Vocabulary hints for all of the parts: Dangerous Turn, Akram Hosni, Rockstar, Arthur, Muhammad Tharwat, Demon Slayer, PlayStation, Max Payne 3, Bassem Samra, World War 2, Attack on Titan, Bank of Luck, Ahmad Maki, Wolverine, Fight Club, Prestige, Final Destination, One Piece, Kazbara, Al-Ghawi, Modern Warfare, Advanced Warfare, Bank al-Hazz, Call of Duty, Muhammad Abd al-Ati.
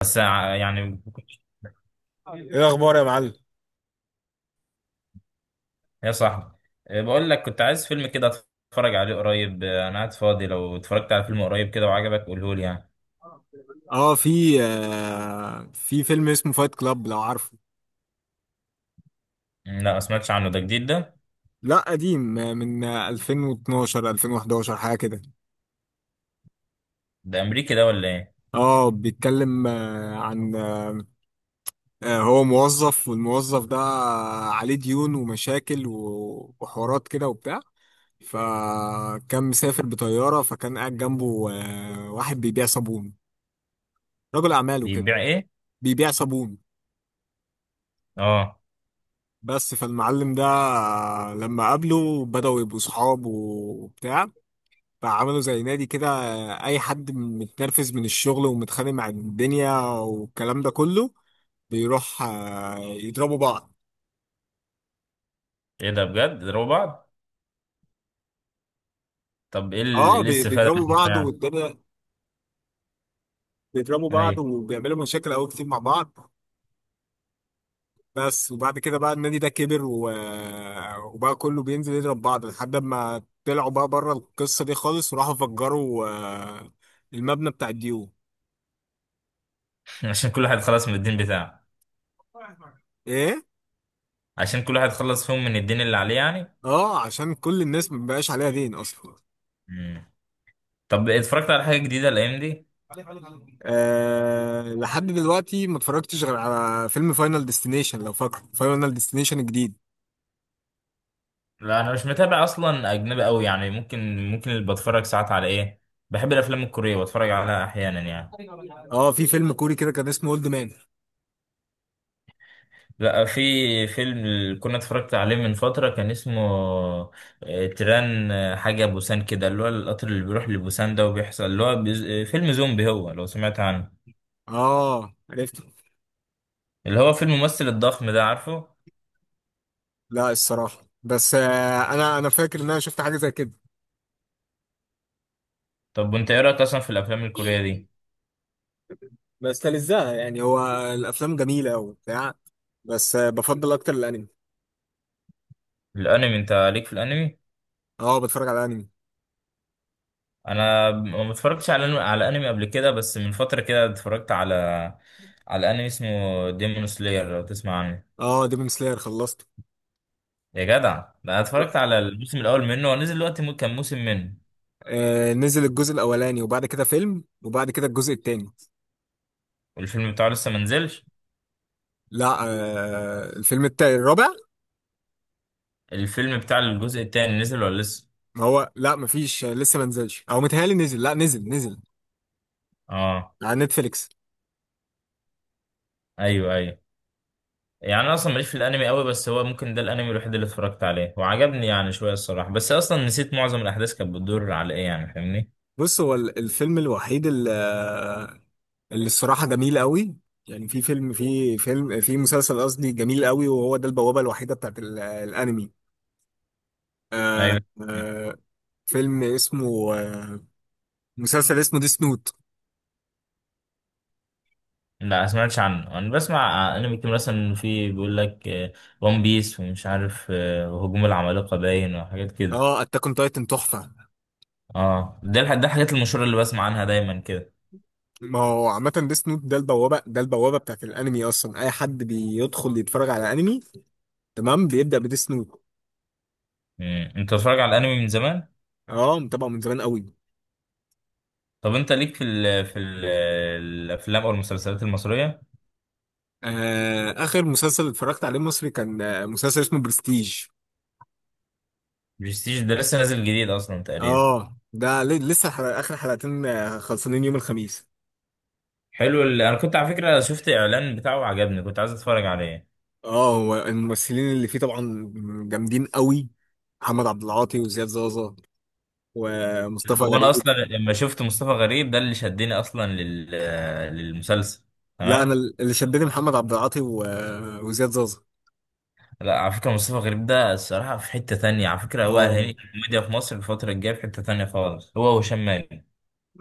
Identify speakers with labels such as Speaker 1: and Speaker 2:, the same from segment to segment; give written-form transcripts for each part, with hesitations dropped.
Speaker 1: بس يعني
Speaker 2: ايه الاخبار يا معلم؟
Speaker 1: يا صاحبي. بقول لك كنت عايز فيلم كده اتفرج عليه قريب، انا قاعد فاضي، لو اتفرجت على فيلم قريب كده وعجبك قوله لي يعني.
Speaker 2: اه، في فيلم اسمه فايت كلاب لو عارفه؟
Speaker 1: مم، لا، ما سمعتش عنه. ده جديد ده؟
Speaker 2: لا، قديم، من 2012 2011 حاجه كده.
Speaker 1: ده امريكي ده ولا ايه؟
Speaker 2: اه، بيتكلم عن، هو موظف، والموظف ده عليه ديون ومشاكل و- وحوارات كده وبتاع. فكان مسافر بطياره، فكان قاعد جنبه واحد بيبيع صابون، رجل اعمال وكده.
Speaker 1: بيبيع ايه؟
Speaker 2: بيبيع صابون.
Speaker 1: اه.
Speaker 2: بس، فالمعلم ده، لما قابله بدأوا يبقوا صحاب وبتاع. فعملوا زي نادي كده، اي حد متنرفز من الشغل ومتخانق مع الدنيا والكلام ده كله بيروح يضربوا بعض.
Speaker 1: ايه ده؟ بجد ضربوا بعض؟ طب ايه إيه
Speaker 2: اه، بي-
Speaker 1: الاستفادة
Speaker 2: بيضربوا
Speaker 1: من ده
Speaker 2: بعض
Speaker 1: يعني؟
Speaker 2: والدنيا، بيضربوا
Speaker 1: اي.
Speaker 2: بعض وبيعملوا مشاكل قوي كتير مع بعض. بس، وبعد كده بقى النادي ده كبر، و... وبقى كله بينزل يضرب بعض لحد ما طلعوا بقى بره القصة دي خالص، وراحوا فجروا المبنى بتاع الديون.
Speaker 1: عشان كل واحد خلص من الدين بتاعه؟
Speaker 2: ايه.
Speaker 1: عشان كل واحد خلص فيهم من الدين اللي عليه يعني.
Speaker 2: اه، عشان كل الناس مبقاش عليها دين اصلا.
Speaker 1: مم. طب اتفرجت على حاجة جديدة الايام دي؟
Speaker 2: أه، لحد دلوقتي ما اتفرجتش غير على فيلم فاينل ديستنيشن، لو فاكره فاينل ديستنيشن الجديد.
Speaker 1: لا، انا مش متابع اصلا، اجنبي قوي يعني. ممكن اللي بتفرج ساعات على ايه، بحب الافلام الكوريه بتفرج عليها احيانا يعني.
Speaker 2: اه، في فيلم كوري كده كان اسمه اولد مان.
Speaker 1: لا، في فيلم اللي كنا اتفرجت عليه من فتره كان اسمه تران، حاجه بوسان كده، اللي هو القطر اللي بيروح لبوسان ده وبيحصل اللي هو بيز... آه، فيلم زومبي هو، لو سمعت عنه.
Speaker 2: اه، عرفته.
Speaker 1: اللي هو فيلم الممثل الضخم ده، عارفه؟
Speaker 2: لا، الصراحه بس، انا فاكر ان انا شفت حاجه زي كده.
Speaker 1: طب وانت ايه رايك اصلا في الافلام الكوريه دي؟
Speaker 2: بس تلزقها يعني، هو الافلام جميله قوي بتاع بس بفضل اكتر الانمي.
Speaker 1: الانمي، انت ليك في الانمي؟
Speaker 2: اه، بتفرج على الانمي.
Speaker 1: انا ما اتفرجتش على انمي قبل كده، بس من فتره كده اتفرجت على على انمي اسمه ديمون سلاير، لو تسمع عنه.
Speaker 2: اه، ديمون سلاير خلصته.
Speaker 1: يا جدع. ده انا اتفرجت على الموسم الاول منه، ونزل دلوقتي كان موسم منه.
Speaker 2: نزل الجزء الاولاني، وبعد كده فيلم، وبعد كده الجزء التاني.
Speaker 1: والفيلم بتاعه لسه ما نزلش؟
Speaker 2: لا، الفيلم التاني الرابع.
Speaker 1: الفيلم بتاع الجزء التاني نزل ولا لسه؟
Speaker 2: ما هو لا، مفيش لسه ما نزلش، او متهيألي نزل، لا نزل نزل.
Speaker 1: اه.
Speaker 2: على نتفليكس.
Speaker 1: ايوه ايوه. يعني انا اصلا ماليش في الانمي قوي، بس هو ممكن ده الانمي الوحيد اللي اتفرجت عليه وعجبني يعني شويه الصراحه، بس اصلا نسيت معظم الاحداث كانت بتدور على ايه يعني، فاهمني؟
Speaker 2: بص، هو الفيلم الوحيد اللي الصراحة جميل قوي، يعني في مسلسل قصدي، جميل قوي، وهو ده البوابة الوحيدة بتاعت الانمي. آه
Speaker 1: ايوه.
Speaker 2: آه فيلم اسمه آه، مسلسل اسمه ديس نوت.
Speaker 1: لا، ما سمعتش عنه. انا بسمع انمي كتير مثلا في، بيقول لك ون بيس ومش عارف هجوم العمالقة باين وحاجات كده.
Speaker 2: اه، اتاك اون تايتن تحفة.
Speaker 1: اه، ده الحاجات المشهورة اللي بسمع عنها دايما كده.
Speaker 2: ما هو عامة، ديس نوت ده البوابة بتاعت الانمي، اصلا اي حد بيدخل يتفرج على انمي تمام بيبدأ بديس نوت.
Speaker 1: مم. انت بتتفرج على الانمي من زمان؟
Speaker 2: اه، متابعه من زمان قوي.
Speaker 1: طب انت ليك في ال في ال الافلام او المسلسلات المصرية؟
Speaker 2: اخر مسلسل اتفرجت عليه مصري كان مسلسل اسمه برستيج.
Speaker 1: برستيج ده لسه نازل جديد اصلا تقريبا.
Speaker 2: اه، ده لسه اخر حلقتين، خلصانين يوم الخميس.
Speaker 1: حلو انا كنت على فكرة شفت اعلان بتاعه وعجبني، كنت عايز اتفرج عليه.
Speaker 2: اه، هو الممثلين اللي فيه طبعا جامدين قوي، محمد عبد العاطي وزياد زازا، ومصطفى
Speaker 1: هو انا
Speaker 2: غريب.
Speaker 1: اصلا لما شفت مصطفى غريب ده اللي شدني اصلا للمسلسل.
Speaker 2: لا، انا
Speaker 1: تمام.
Speaker 2: اللي شدني محمد عبد العاطي و- وزياد زازا.
Speaker 1: لا، على فكرة مصطفى غريب ده الصراحة في حتة تانية على فكرة، هو مم، الهيئة
Speaker 2: اه،
Speaker 1: الكوميديا في مصر الفترة الجاية في حتة تانية خالص، هو وهشام مالك.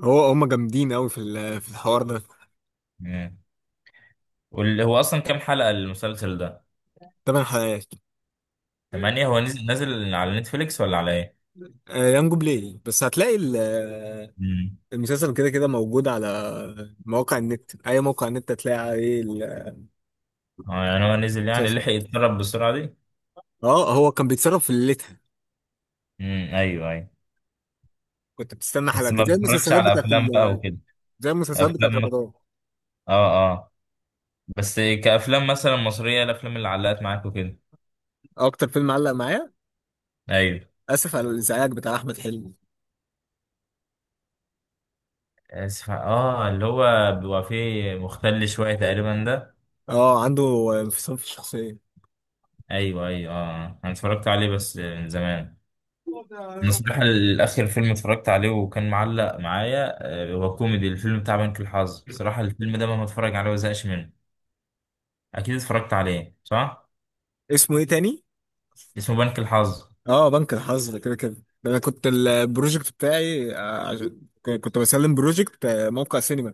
Speaker 2: هم جامدين قوي في الحوار ده.
Speaker 1: مم. واللي هو أصلا كام حلقة المسلسل ده؟
Speaker 2: ثمان حلقات.
Speaker 1: تمانية. هو نزل نازل على نتفليكس ولا على إيه؟
Speaker 2: ايام جوبليه، بس هتلاقي
Speaker 1: مم.
Speaker 2: المسلسل كده كده موجود على مواقع النت، اي موقع النت هتلاقي عليه.
Speaker 1: اه، يعني هو نزل يعني
Speaker 2: المسلسل.
Speaker 1: لحق يتدرب بالسرعة دي؟
Speaker 2: اه، هو كان بيتصرف في ليلتها.
Speaker 1: مم. أيوه أيوه.
Speaker 2: كنت بتستنى
Speaker 1: بس
Speaker 2: حلقات
Speaker 1: ما
Speaker 2: زي
Speaker 1: بتفرجش
Speaker 2: المسلسلات
Speaker 1: على
Speaker 2: بتاعت
Speaker 1: أفلام بقى وكده؟
Speaker 2: زي المسلسلات بتاعت
Speaker 1: أفلام.
Speaker 2: رمضان.
Speaker 1: آه آه بس كأفلام مثلا مصرية، الأفلام اللي علقت معاك وكده؟
Speaker 2: اكتر فيلم علق معايا
Speaker 1: أيوه.
Speaker 2: اسف على الازعاج بتاع احمد حلمي.
Speaker 1: آسف اللي هو بيبقى فيه مختل شوية تقريبا ده.
Speaker 2: اه، عنده انفصام في الشخصيه.
Speaker 1: ايوه ايوه. اه، انا اتفرجت عليه بس من زمان. انا الصراحه الاخر فيلم اتفرجت عليه وكان معلق معايا هو كوميدي، الفيلم بتاع بنك الحظ. صراحه الفيلم ده مهما اتفرج عليه ما زهقش منه. اكيد اتفرجت عليه صح؟
Speaker 2: اسمه ايه تاني؟
Speaker 1: اسمه بنك الحظ.
Speaker 2: اه، بنك الحظ ده كده كده. ده انا كنت البروجكت بتاعي، كنت بسلم بروجكت، موقع سينما.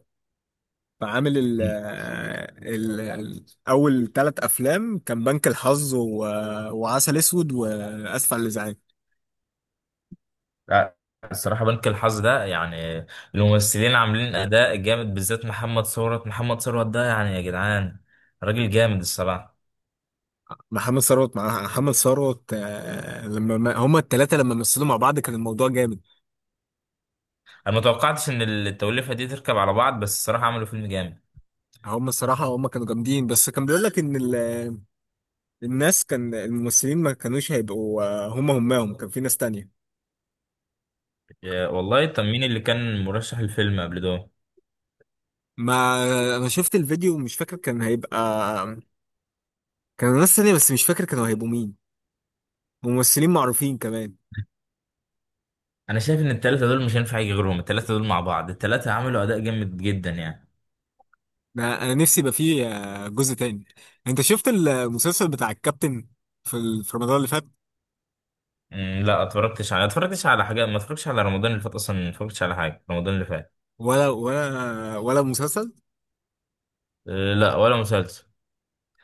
Speaker 2: فعامل أول ثلاث أفلام كان بنك الحظ و... وعسل أسود وأسف على الإزعاج.
Speaker 1: لا الصراحه بنك الحظ ده يعني الممثلين عاملين اداء جامد، بالذات محمد ثروت. محمد ثروت ده يعني يا جدعان راجل جامد الصراحه.
Speaker 2: محمد ثروت مع محمد ثروت، لما ما- هما الثلاثة لما مثلوا مع بعض كان الموضوع جامد.
Speaker 1: انا ما توقعتش ان التوليفه دي تركب على بعض، بس الصراحه عملوا فيلم جامد.
Speaker 2: هما الصراحة هما كانوا جامدين، بس كان بيقول لك إن الناس، كان الممثلين ما كانوش هيبقوا، هما هماهم كان في ناس تانية.
Speaker 1: يا والله. طب مين اللي كان مرشح الفيلم قبل ده؟
Speaker 2: ما أنا شفت الفيديو، مش فاكر كان هيبقى كانوا ناس تانية، بس مش فاكر كانوا هيبقوا مين، ممثلين معروفين كمان.
Speaker 1: انا شايف ان التلاتة دول مش هينفع يجي غيرهم، التلاتة دول مع بعض التلاتة عملوا اداء جامد جدا يعني.
Speaker 2: ده انا نفسي يبقى فيه جزء تاني. انت شفت المسلسل بتاع الكابتن في رمضان اللي فات؟
Speaker 1: أمم، لا، اتفرجتش على حاجات، ما اتفرجتش على رمضان اللي فات اصلا، ما اتفرجتش على حاجه رمضان اللي فات.
Speaker 2: ولا المسلسل؟
Speaker 1: أه لا، ولا مسلسل.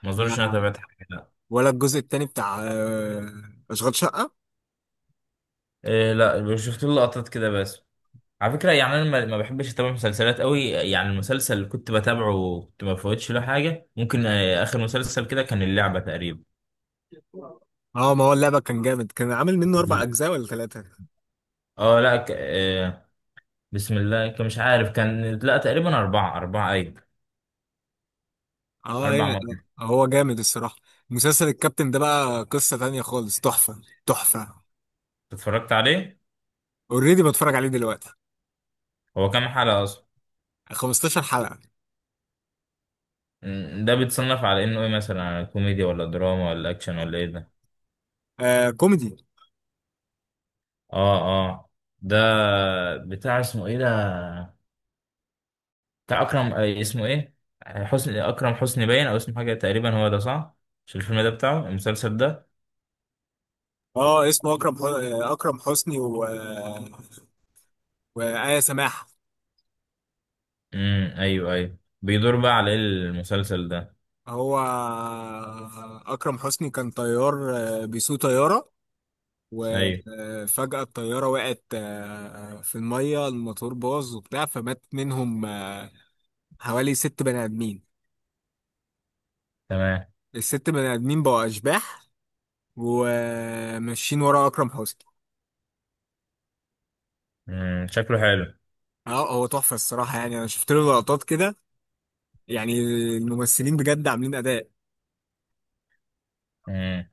Speaker 1: ما اظنش إن انا
Speaker 2: لا،
Speaker 1: تابعت حاجه، لا.
Speaker 2: ولا الجزء التاني بتاع اشغال شقة؟
Speaker 1: أه لا، شفت له لقطات كده بس. على فكره يعني انا ما بحبش اتابع مسلسلات قوي يعني. المسلسل اللي كنت بتابعه كنت ما بفوتش له حاجه. ممكن اخر مسلسل كده كان اللعبه تقريبا.
Speaker 2: اه، ما هو اللعبة كان جامد، كان عامل منه اربع اجزاء ولا ثلاثة؟
Speaker 1: اه لا ك... آه، بسم الله كان مش عارف، كان لا تقريبا أربعة أربعة أيوة.
Speaker 2: اه،
Speaker 1: أربع
Speaker 2: ايه.
Speaker 1: مرات.
Speaker 2: هو جامد الصراحة. مسلسل الكابتن ده بقى قصة تانية خالص، تحفة تحفة.
Speaker 1: اتفرجت عليه.
Speaker 2: اوريدي بتفرج عليه دلوقتي.
Speaker 1: هو كام حلقة أصلا؟
Speaker 2: 15 حلقة.
Speaker 1: ده بيتصنف على إنه إيه، مثلا كوميديا ولا دراما ولا أكشن ولا إيه ده؟
Speaker 2: آه، كوميدي.
Speaker 1: آه. آه. ده بتاع اسمه إيه ده؟ بتاع أكرم اسمه إيه، حسني، أكرم حسني باين، أو اسمه حاجة تقريبا هو ده، صح؟ مش الفيلم ده بتاعه المسلسل ده.
Speaker 2: اه، اسمه اكرم حو... آه، اكرم حسني و وآية سماحة.
Speaker 1: أيوه أيوه. بيدور بقى على إيه المسلسل ده؟
Speaker 2: هو أكرم حسني كان طيار، بيسوق طيارة.
Speaker 1: أيوه.
Speaker 2: وفجأة الطيارة وقعت في المية، الموتور باظ وبتاع، فمات منهم حوالي ست بني آدمين.
Speaker 1: تمام.
Speaker 2: الست بني آدمين بقوا أشباح، وماشيين ورا أكرم حسني.
Speaker 1: شكله حلو.
Speaker 2: اه، هو تحفة الصراحة، يعني أنا شفت له لقطات كده، يعني الممثلين بجد عاملين أداء.
Speaker 1: مم.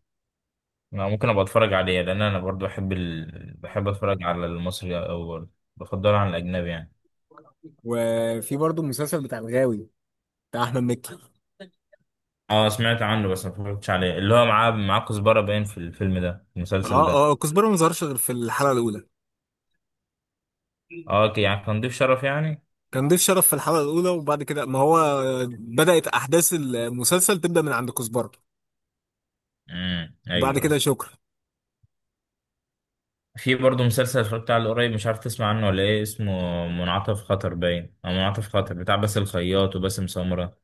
Speaker 1: انا ممكن ابقى اتفرج عليه لان انا برضو بحب اتفرج على المصري او بفضله عن الاجنبي يعني.
Speaker 2: وفي برضه المسلسل بتاع الغاوي، بتاع أحمد مكي.
Speaker 1: اه سمعت عنه بس ما اتفرجتش عليه. اللي هو معاه كزبره باين في الفيلم ده في المسلسل ده.
Speaker 2: اه، اه، كزبرة ما ظهرش غير في الحلقة الأولى،
Speaker 1: اه اوكي، يعني كان ضيف شرف يعني.
Speaker 2: كان ضيف شرف في الحلقة الأولى، وبعد كده ما هو بدأت أحداث المسلسل تبدأ من عند كزبرة، وبعد كده
Speaker 1: ايوه.
Speaker 2: شكرا.
Speaker 1: في برضو مسلسل اتفرجت عليه قريب، مش عارف تسمع عنه ولا ايه، اسمه منعطف خطر باين او منعطف خطر بتاع باسل الخياط وباسم سمرة.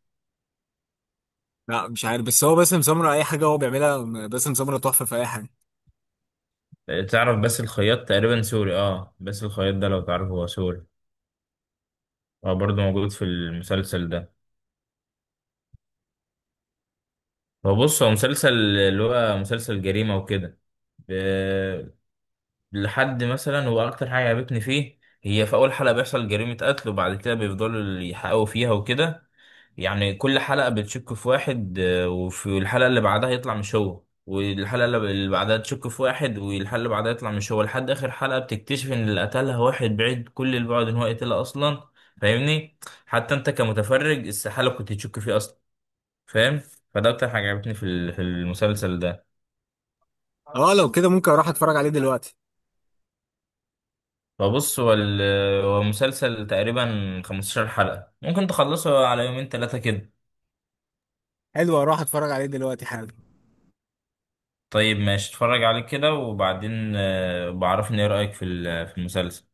Speaker 2: لا، مش عارف، بس هو باسم سمرة أي حاجة هو بيعملها، باسم سمرة تحفة في أي حاجة.
Speaker 1: تعرف باسل الخياط تقريبا سوري. اه باسل الخياط ده لو تعرفه هو سوري. هو برضو موجود في المسلسل ده. هو بص هو مسلسل، اللي هو مسلسل جريمة وكده. ب... لحد مثلا هو أكتر حاجة عجبتني فيه هي في أول حلقة بيحصل جريمة قتل، وبعد كده بيفضلوا يحققوا فيها وكده. يعني كل حلقة بتشك في واحد وفي الحلقة اللي بعدها يطلع مش هو، والحلقة اللي بعدها تشك في واحد، والحلقة اللي بعدها يطلع مش هو، لحد آخر حلقة بتكتشف إن اللي قتلها واحد بعيد كل البعد إن هو قتلها أصلا. فاهمني؟ حتى أنت كمتفرج استحالة كنت تشك فيه. فاهم. فده اكتر حاجه عجبتني في المسلسل ده.
Speaker 2: أه، لو كده ممكن أروح أتفرج عليه دلوقتي.
Speaker 1: فبص هو مسلسل تقريبا 15 حلقه، ممكن تخلصه على يومين ثلاثه كده.
Speaker 2: حلو، أروح أتفرج عليه دلوقتي حالا.
Speaker 1: طيب ماشي اتفرج عليه كده وبعدين، بعرفني ايه رايك في المسلسل